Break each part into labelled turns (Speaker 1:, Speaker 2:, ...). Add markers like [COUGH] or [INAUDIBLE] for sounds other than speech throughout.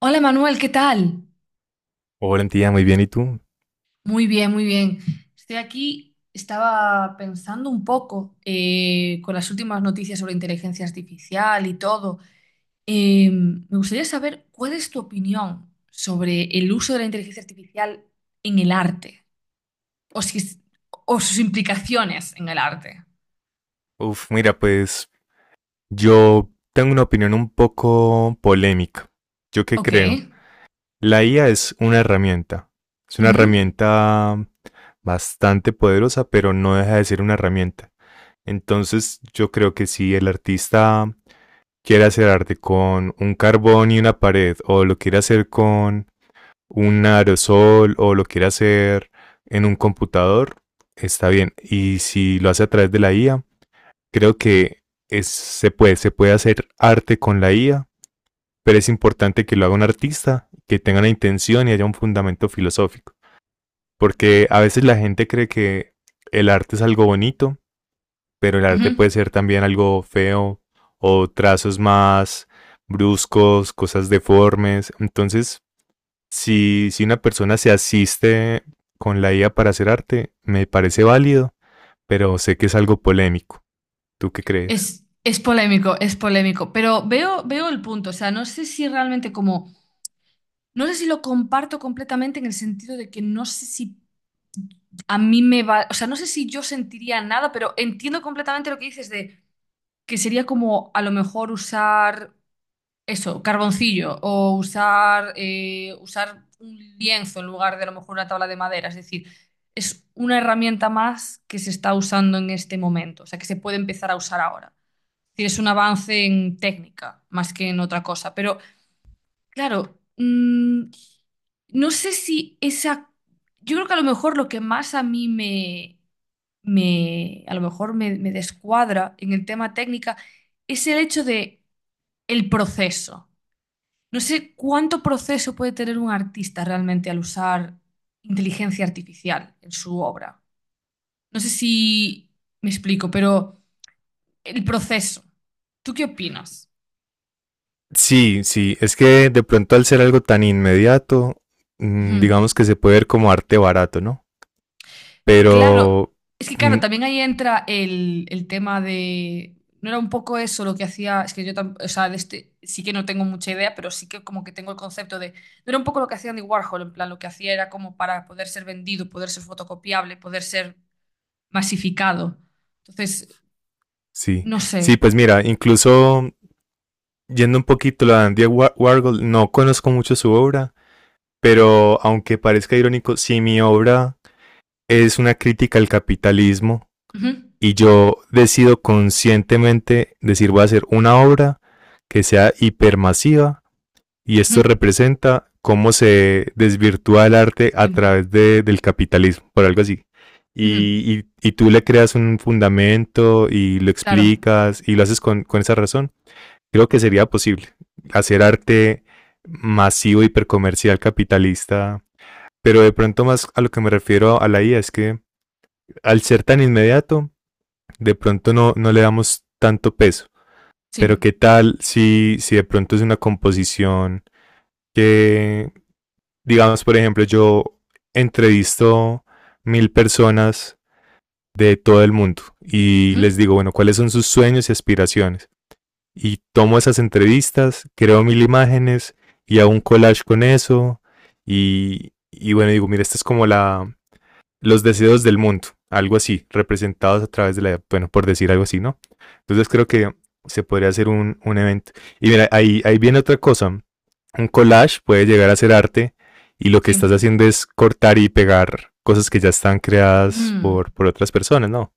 Speaker 1: Hola Manuel, ¿qué tal?
Speaker 2: Hola, tía, muy bien. ¿Y tú?
Speaker 1: Muy bien, muy bien. Estoy aquí, estaba pensando un poco con las últimas noticias sobre inteligencia artificial y todo. Me gustaría saber cuál es tu opinión sobre el uso de la inteligencia artificial en el arte o, si es- o sus implicaciones en el arte.
Speaker 2: Uf, mira, pues yo tengo una opinión un poco polémica. ¿Yo qué
Speaker 1: Ok.
Speaker 2: creo? La IA es una herramienta. Es una
Speaker 1: Ujú,
Speaker 2: herramienta bastante poderosa, pero no deja de ser una herramienta. Entonces, yo creo que si el artista quiere hacer arte con un carbón y una pared, o lo quiere hacer con un aerosol, o lo quiere hacer en un computador, está bien. Y si lo hace a través de la IA, creo que se puede hacer arte con la IA, pero es importante que lo haga un artista, que tenga una intención y haya un fundamento filosófico. Porque a veces la gente cree que el arte es algo bonito, pero el
Speaker 1: ujú.
Speaker 2: arte puede ser también algo feo o trazos más bruscos, cosas deformes. Entonces, si una persona se asiste con la IA para hacer arte, me parece válido, pero sé que es algo polémico. ¿Tú qué crees?
Speaker 1: Es polémico, pero veo el punto. O sea, no sé si realmente como. No sé si lo comparto completamente en el sentido de que no sé si a mí me va, o sea, no sé si yo sentiría nada, pero entiendo completamente lo que dices de que sería como a lo mejor usar eso, carboncillo o usar un lienzo en lugar de a lo mejor una tabla de madera. Es decir, es una herramienta más que se está usando en este momento, o sea, que se puede empezar a usar ahora. Es decir, es un avance en técnica más que en otra cosa, pero. Claro, no sé si esa. Yo creo que a lo mejor lo que más a mí me a lo mejor me descuadra en el tema técnica es el hecho de el proceso. No sé cuánto proceso puede tener un artista realmente al usar inteligencia artificial en su obra. No sé si me explico, pero el proceso. ¿Tú qué opinas?
Speaker 2: Sí, sí, es que de pronto al ser algo tan inmediato,
Speaker 1: Ujú.
Speaker 2: digamos que se puede ver como arte barato, ¿no?
Speaker 1: Claro,
Speaker 2: Pero
Speaker 1: es que claro,
Speaker 2: mm,
Speaker 1: también ahí entra el tema de. No era un poco eso lo que hacía, es que yo o sea, de este, sí que no tengo mucha idea, pero sí que como que tengo el concepto de. No era un poco lo que hacía Andy Warhol, en plan, lo que hacía era como para poder ser vendido, poder ser fotocopiable, poder ser masificado. Entonces,
Speaker 2: sí,
Speaker 1: no
Speaker 2: sí,
Speaker 1: sé.
Speaker 2: pues mira, incluso yendo un poquito a Warhol, no conozco mucho su obra, pero aunque parezca irónico, si mi obra es una crítica al capitalismo
Speaker 1: Ujú,
Speaker 2: y yo decido conscientemente decir voy a hacer una obra que sea hipermasiva, y
Speaker 1: ujú,
Speaker 2: esto representa cómo se desvirtúa el arte a
Speaker 1: sí,
Speaker 2: través del capitalismo, por algo así.
Speaker 1: ujú,
Speaker 2: Y tú le creas un fundamento y lo
Speaker 1: claro,
Speaker 2: explicas y lo haces con esa razón. Creo que sería posible hacer arte masivo, hipercomercial, capitalista, pero de pronto más a lo que me refiero a la IA es que al ser tan inmediato, de pronto no le damos tanto peso. Pero
Speaker 1: sí,
Speaker 2: qué tal si de pronto es una composición que digamos, por ejemplo, yo entrevisto 1000 personas de todo el mundo y les
Speaker 1: ujú,
Speaker 2: digo, bueno, ¿cuáles son sus sueños y aspiraciones? Y tomo esas entrevistas, creo 1000 imágenes y hago un collage con eso y bueno, digo, mira, esta es como la, los deseos del mundo, algo así, representados a través de la, bueno, por decir algo así, ¿no? Entonces creo que se podría hacer un evento. Y mira, ahí viene otra cosa, un collage puede llegar a ser arte y lo que estás
Speaker 1: sí.
Speaker 2: haciendo es cortar y pegar cosas que ya están creadas
Speaker 1: Mm.
Speaker 2: por otras personas, ¿no?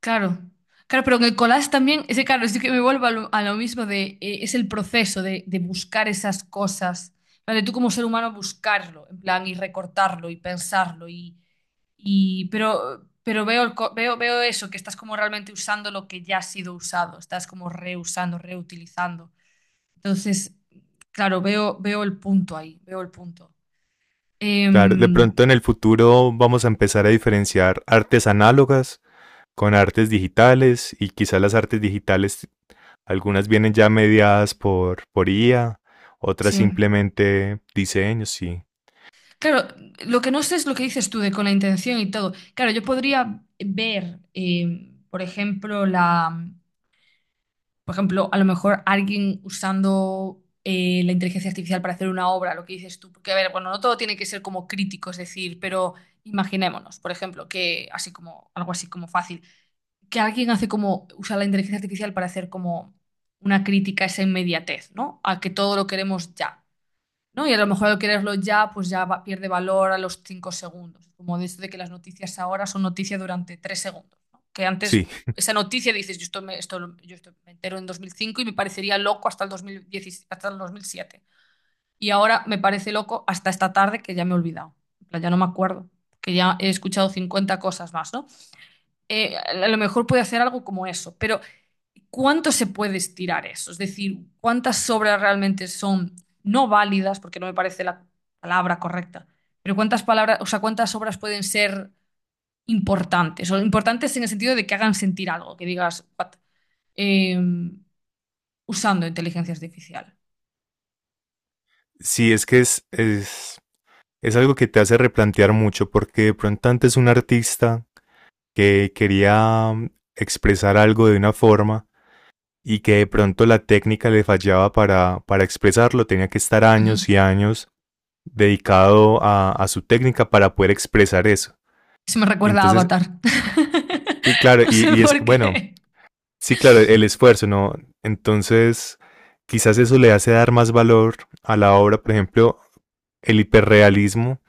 Speaker 1: Claro, claro, pero en el collage también, ese claro, es que me vuelvo a lo mismo de, es el proceso de buscar esas cosas, ¿vale? Tú como ser humano buscarlo, en plan, y recortarlo y pensarlo, y pero veo, veo eso, que estás como realmente usando lo que ya ha sido usado, estás como reusando, reutilizando. Entonces, claro, veo el punto ahí, veo el punto.
Speaker 2: Claro, de
Speaker 1: Em,
Speaker 2: pronto en el futuro vamos a empezar a diferenciar artes análogas con artes digitales y quizás las artes digitales algunas vienen ya mediadas por IA, otras
Speaker 1: sí.
Speaker 2: simplemente diseños, sí.
Speaker 1: Claro, lo que no sé es lo que dices tú de con la intención y todo. Claro, yo podría ver, por ejemplo, por ejemplo, a lo mejor alguien usando la inteligencia artificial para hacer una obra, lo que dices tú. Porque, a ver, bueno, no todo tiene que ser como crítico, es decir, pero imaginémonos, por ejemplo, que así como, algo así como fácil, que alguien hace como, usa la inteligencia artificial para hacer como una crítica a esa inmediatez, ¿no? A que todo lo queremos ya. ¿No? Y a lo mejor al quererlo ya, pues ya pierde valor a los 5 segundos. Como de eso de que las noticias ahora son noticia durante 3 segundos, ¿no? Que antes
Speaker 2: Sí,
Speaker 1: esa noticia dices, yo esto yo esto me entero en 2005 y me parecería loco hasta el 2010, hasta el 2007. Y ahora me parece loco hasta esta tarde que ya me he olvidado. En plan, ya no me acuerdo, que ya he escuchado 50 cosas más, ¿no? A lo mejor puede hacer algo como eso, pero ¿cuánto se puede estirar eso? Es decir, ¿cuántas obras realmente son no válidas, porque no me parece la palabra correcta, pero cuántas palabras, o sea, cuántas obras pueden ser importantes, o importantes en el sentido de que hagan sentir algo, que digas, "What?", eh, usando inteligencia artificial.
Speaker 2: sí, es que es algo que te hace replantear mucho porque de pronto antes un artista que quería expresar algo de una forma y que de pronto la técnica le fallaba para expresarlo, tenía que estar
Speaker 1: Ujú.
Speaker 2: años y años dedicado a su técnica para poder expresar eso.
Speaker 1: Se me recuerda a
Speaker 2: Entonces,
Speaker 1: Avatar. [LAUGHS]
Speaker 2: claro,
Speaker 1: No
Speaker 2: y,
Speaker 1: sé
Speaker 2: y es
Speaker 1: por
Speaker 2: bueno,
Speaker 1: qué.
Speaker 2: sí, claro, el esfuerzo, ¿no? Entonces, quizás eso le hace dar más valor a la obra. Por ejemplo, el hiperrealismo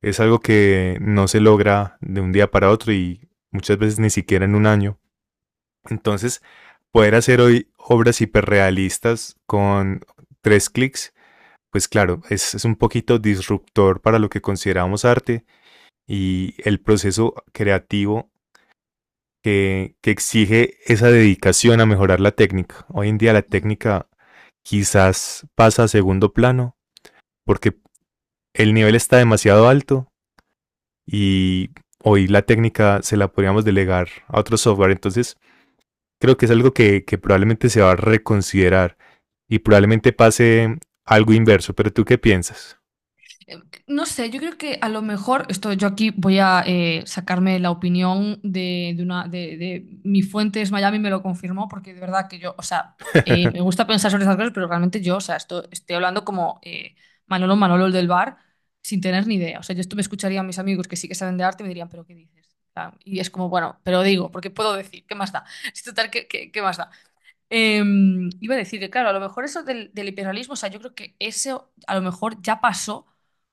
Speaker 2: es algo que no se logra de un día para otro y muchas veces ni siquiera en un año. Entonces, poder hacer hoy obras hiperrealistas con tres clics, pues claro, es un poquito disruptor para lo que consideramos arte y el proceso creativo que exige esa dedicación a mejorar la técnica. Hoy en día la técnica quizás pasa a segundo plano porque el nivel está demasiado alto y hoy la técnica se la podríamos delegar a otro software. Entonces creo que es algo que probablemente se va a reconsiderar y probablemente pase algo inverso. ¿Pero tú qué piensas?
Speaker 1: Eh, No sé, yo creo que a lo mejor, esto yo aquí voy a sacarme la opinión de una mi fuente es Miami, me lo confirmó, porque de verdad que yo, o sea, me
Speaker 2: [LAUGHS]
Speaker 1: gusta pensar sobre esas cosas, pero realmente yo, o sea, esto, estoy hablando como Manolo Manolo el del bar, sin tener ni idea. O sea, yo esto me escucharía a mis amigos que sí que saben de arte y me dirían, pero ¿qué dices? En plan, y es como, bueno, pero digo, porque puedo decir, ¿qué más da? [LAUGHS] Es total, ¿qué más da? Eh, iba a decir que, claro, a lo mejor eso del imperialismo, o sea, yo creo que eso a lo mejor ya pasó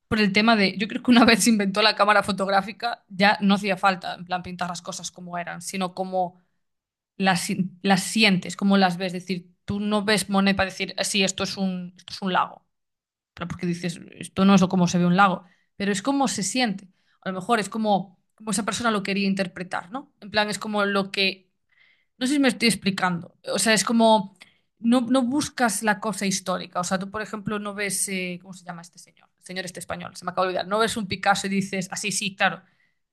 Speaker 1: por el tema de, yo creo que una [LAUGHS] vez se inventó la cámara fotográfica, ya no hacía falta, en plan, pintar las cosas como eran, sino como las, si- las sientes, como las ves, es decir, tú no ves Monet para decir, "Ah, sí, esto es un lago, pero porque dices, esto no es como se ve un lago, pero es como se siente, a lo mejor es como, esa persona lo quería interpretar, ¿no? En plan, es como lo que no sé si me estoy explicando. O sea, es como, no, no buscas la cosa histórica. O sea, tú, por ejemplo, no ves, ¿cómo se llama este señor? El señor este español, se me acaba de olvidar. No ves un Picasso y dices, así, sí, sí, claro,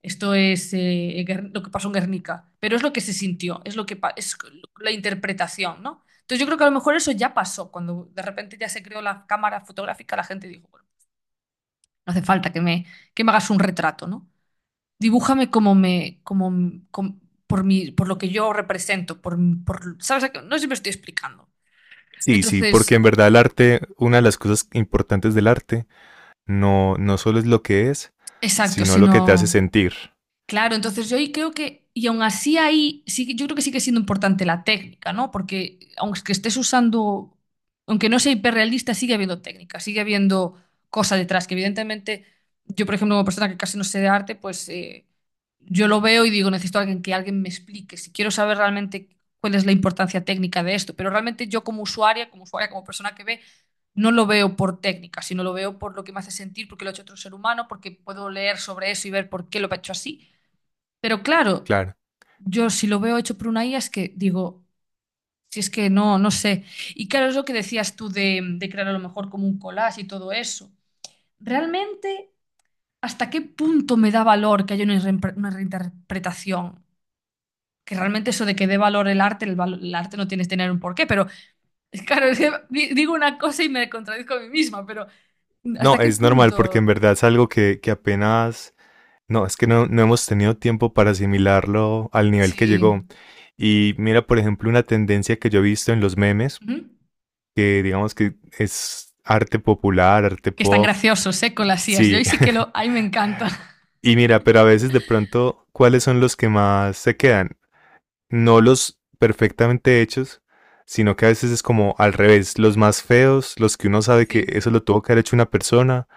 Speaker 1: esto es lo que pasó en Guernica. Pero es lo que se sintió, es lo que pa- es la interpretación, ¿no? Entonces yo creo que a lo mejor eso ya pasó. Cuando de repente ya se creó la cámara fotográfica, la gente dijo, bueno, no hace falta que me, hagas un retrato, ¿no? Dibújame como por mi, por lo que yo represento, por, ¿sabes? A qué? No siempre estoy explicando.
Speaker 2: Sí, sí, porque
Speaker 1: Entonces,
Speaker 2: en verdad el arte, una de las cosas importantes del arte, no solo es lo que es,
Speaker 1: exacto,
Speaker 2: sino lo que te hace
Speaker 1: sino
Speaker 2: sentir.
Speaker 1: claro, entonces yo ahí creo que, y aún así ahí, sí, yo creo que sigue siendo importante la técnica, ¿no? Porque aunque estés usando, aunque no sea hiperrealista, sigue habiendo técnica, sigue habiendo cosa detrás, que evidentemente yo, por ejemplo, como persona que casi no sé de arte, pues yo lo veo y digo, necesito a alguien que alguien me explique, si quiero saber realmente cuál es la importancia técnica de esto, pero realmente yo como usuaria, como persona que ve, no lo veo por técnica, sino lo veo por lo que me hace sentir, porque lo ha hecho otro ser humano, porque puedo leer sobre eso y ver por qué lo ha hecho así. Pero claro,
Speaker 2: Claro.
Speaker 1: yo si lo veo hecho por una IA es que digo, si es que no, no sé. Y claro, es lo que decías tú de crear a lo mejor como un collage y todo eso. ¿Realmente hasta qué punto me da valor que haya una reinterpretación? Que realmente eso de que dé valor el arte, el arte no tienes que tener un porqué, pero [LAUGHS] claro, es que digo una cosa y me contradizco a mí misma, pero ¿hasta
Speaker 2: No,
Speaker 1: qué
Speaker 2: es normal porque en
Speaker 1: punto?
Speaker 2: verdad es algo que apenas. No, es que no hemos tenido tiempo para asimilarlo al nivel que llegó.
Speaker 1: Sí.
Speaker 2: Y mira, por ejemplo, una tendencia que yo he visto en los memes,
Speaker 1: Ujú.
Speaker 2: que digamos que es arte popular, arte
Speaker 1: Que están
Speaker 2: pop.
Speaker 1: graciosos, ¿eh? Con las IAs. Yo
Speaker 2: Sí,
Speaker 1: ahí sí que
Speaker 2: [LAUGHS]
Speaker 1: ahí me encanta. [LAUGHS]
Speaker 2: y mira, pero a veces de pronto, ¿cuáles son los que más se quedan? No los perfectamente hechos, sino que a veces es como al revés, los más feos, los que uno sabe que
Speaker 1: Sí.
Speaker 2: eso lo tuvo que haber hecho una persona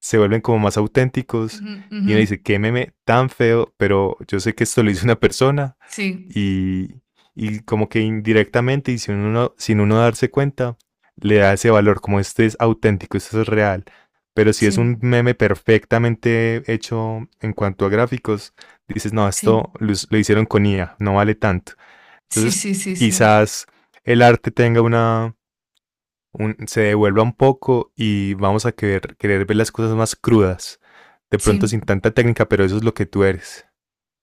Speaker 2: se vuelven como más auténticos
Speaker 1: Ujú,
Speaker 2: y
Speaker 1: ujú.
Speaker 2: uno dice, qué meme tan feo, pero yo sé que esto lo hizo una persona
Speaker 1: Sí,
Speaker 2: y, y como que indirectamente y sin uno darse cuenta, le da ese valor, como este es auténtico, esto es real. Pero si es
Speaker 1: sí,
Speaker 2: un meme perfectamente hecho en cuanto a gráficos, dices, no,
Speaker 1: sí,
Speaker 2: esto lo hicieron con IA, no vale tanto.
Speaker 1: sí,
Speaker 2: Entonces,
Speaker 1: sí, sí, sí,
Speaker 2: quizás el arte tenga se devuelva un poco y vamos a querer ver las cosas más crudas, de
Speaker 1: sí,
Speaker 2: pronto sin tanta técnica, pero eso es lo que tú eres.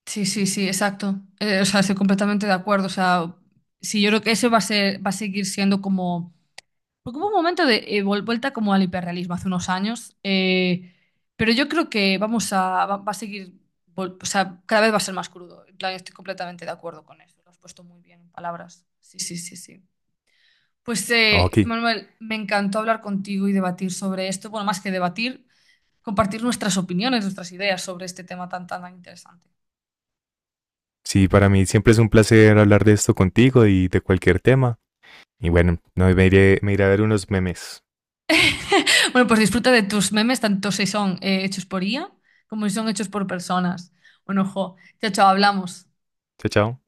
Speaker 1: sí, sí, sí, exacto. O sea, estoy completamente de acuerdo. O sea, sí, yo creo que eso va a seguir siendo como. Porque hubo un momento de vuelta como al hiperrealismo hace unos años. Pero yo creo que vamos a. Va a seguir. O sea, cada vez va a ser más crudo. En plan, estoy completamente de acuerdo con eso. Lo has puesto muy bien en palabras. Sí, sí, sí, sí. Pues,
Speaker 2: Ah, Ok,
Speaker 1: Manuel, me encantó hablar contigo y debatir sobre esto. Bueno, más que debatir, compartir nuestras opiniones, nuestras ideas sobre este tema tan, tan, tan interesante.
Speaker 2: sí, para mí siempre es un placer hablar de esto contigo y de cualquier tema. Y bueno, no, me iré a ver unos memes.
Speaker 1: Bueno, pues disfruta de tus memes, tanto si son hechos por IA como si son hechos por personas. Bueno, ojo, chao, chao, hablamos.
Speaker 2: Chao, chao.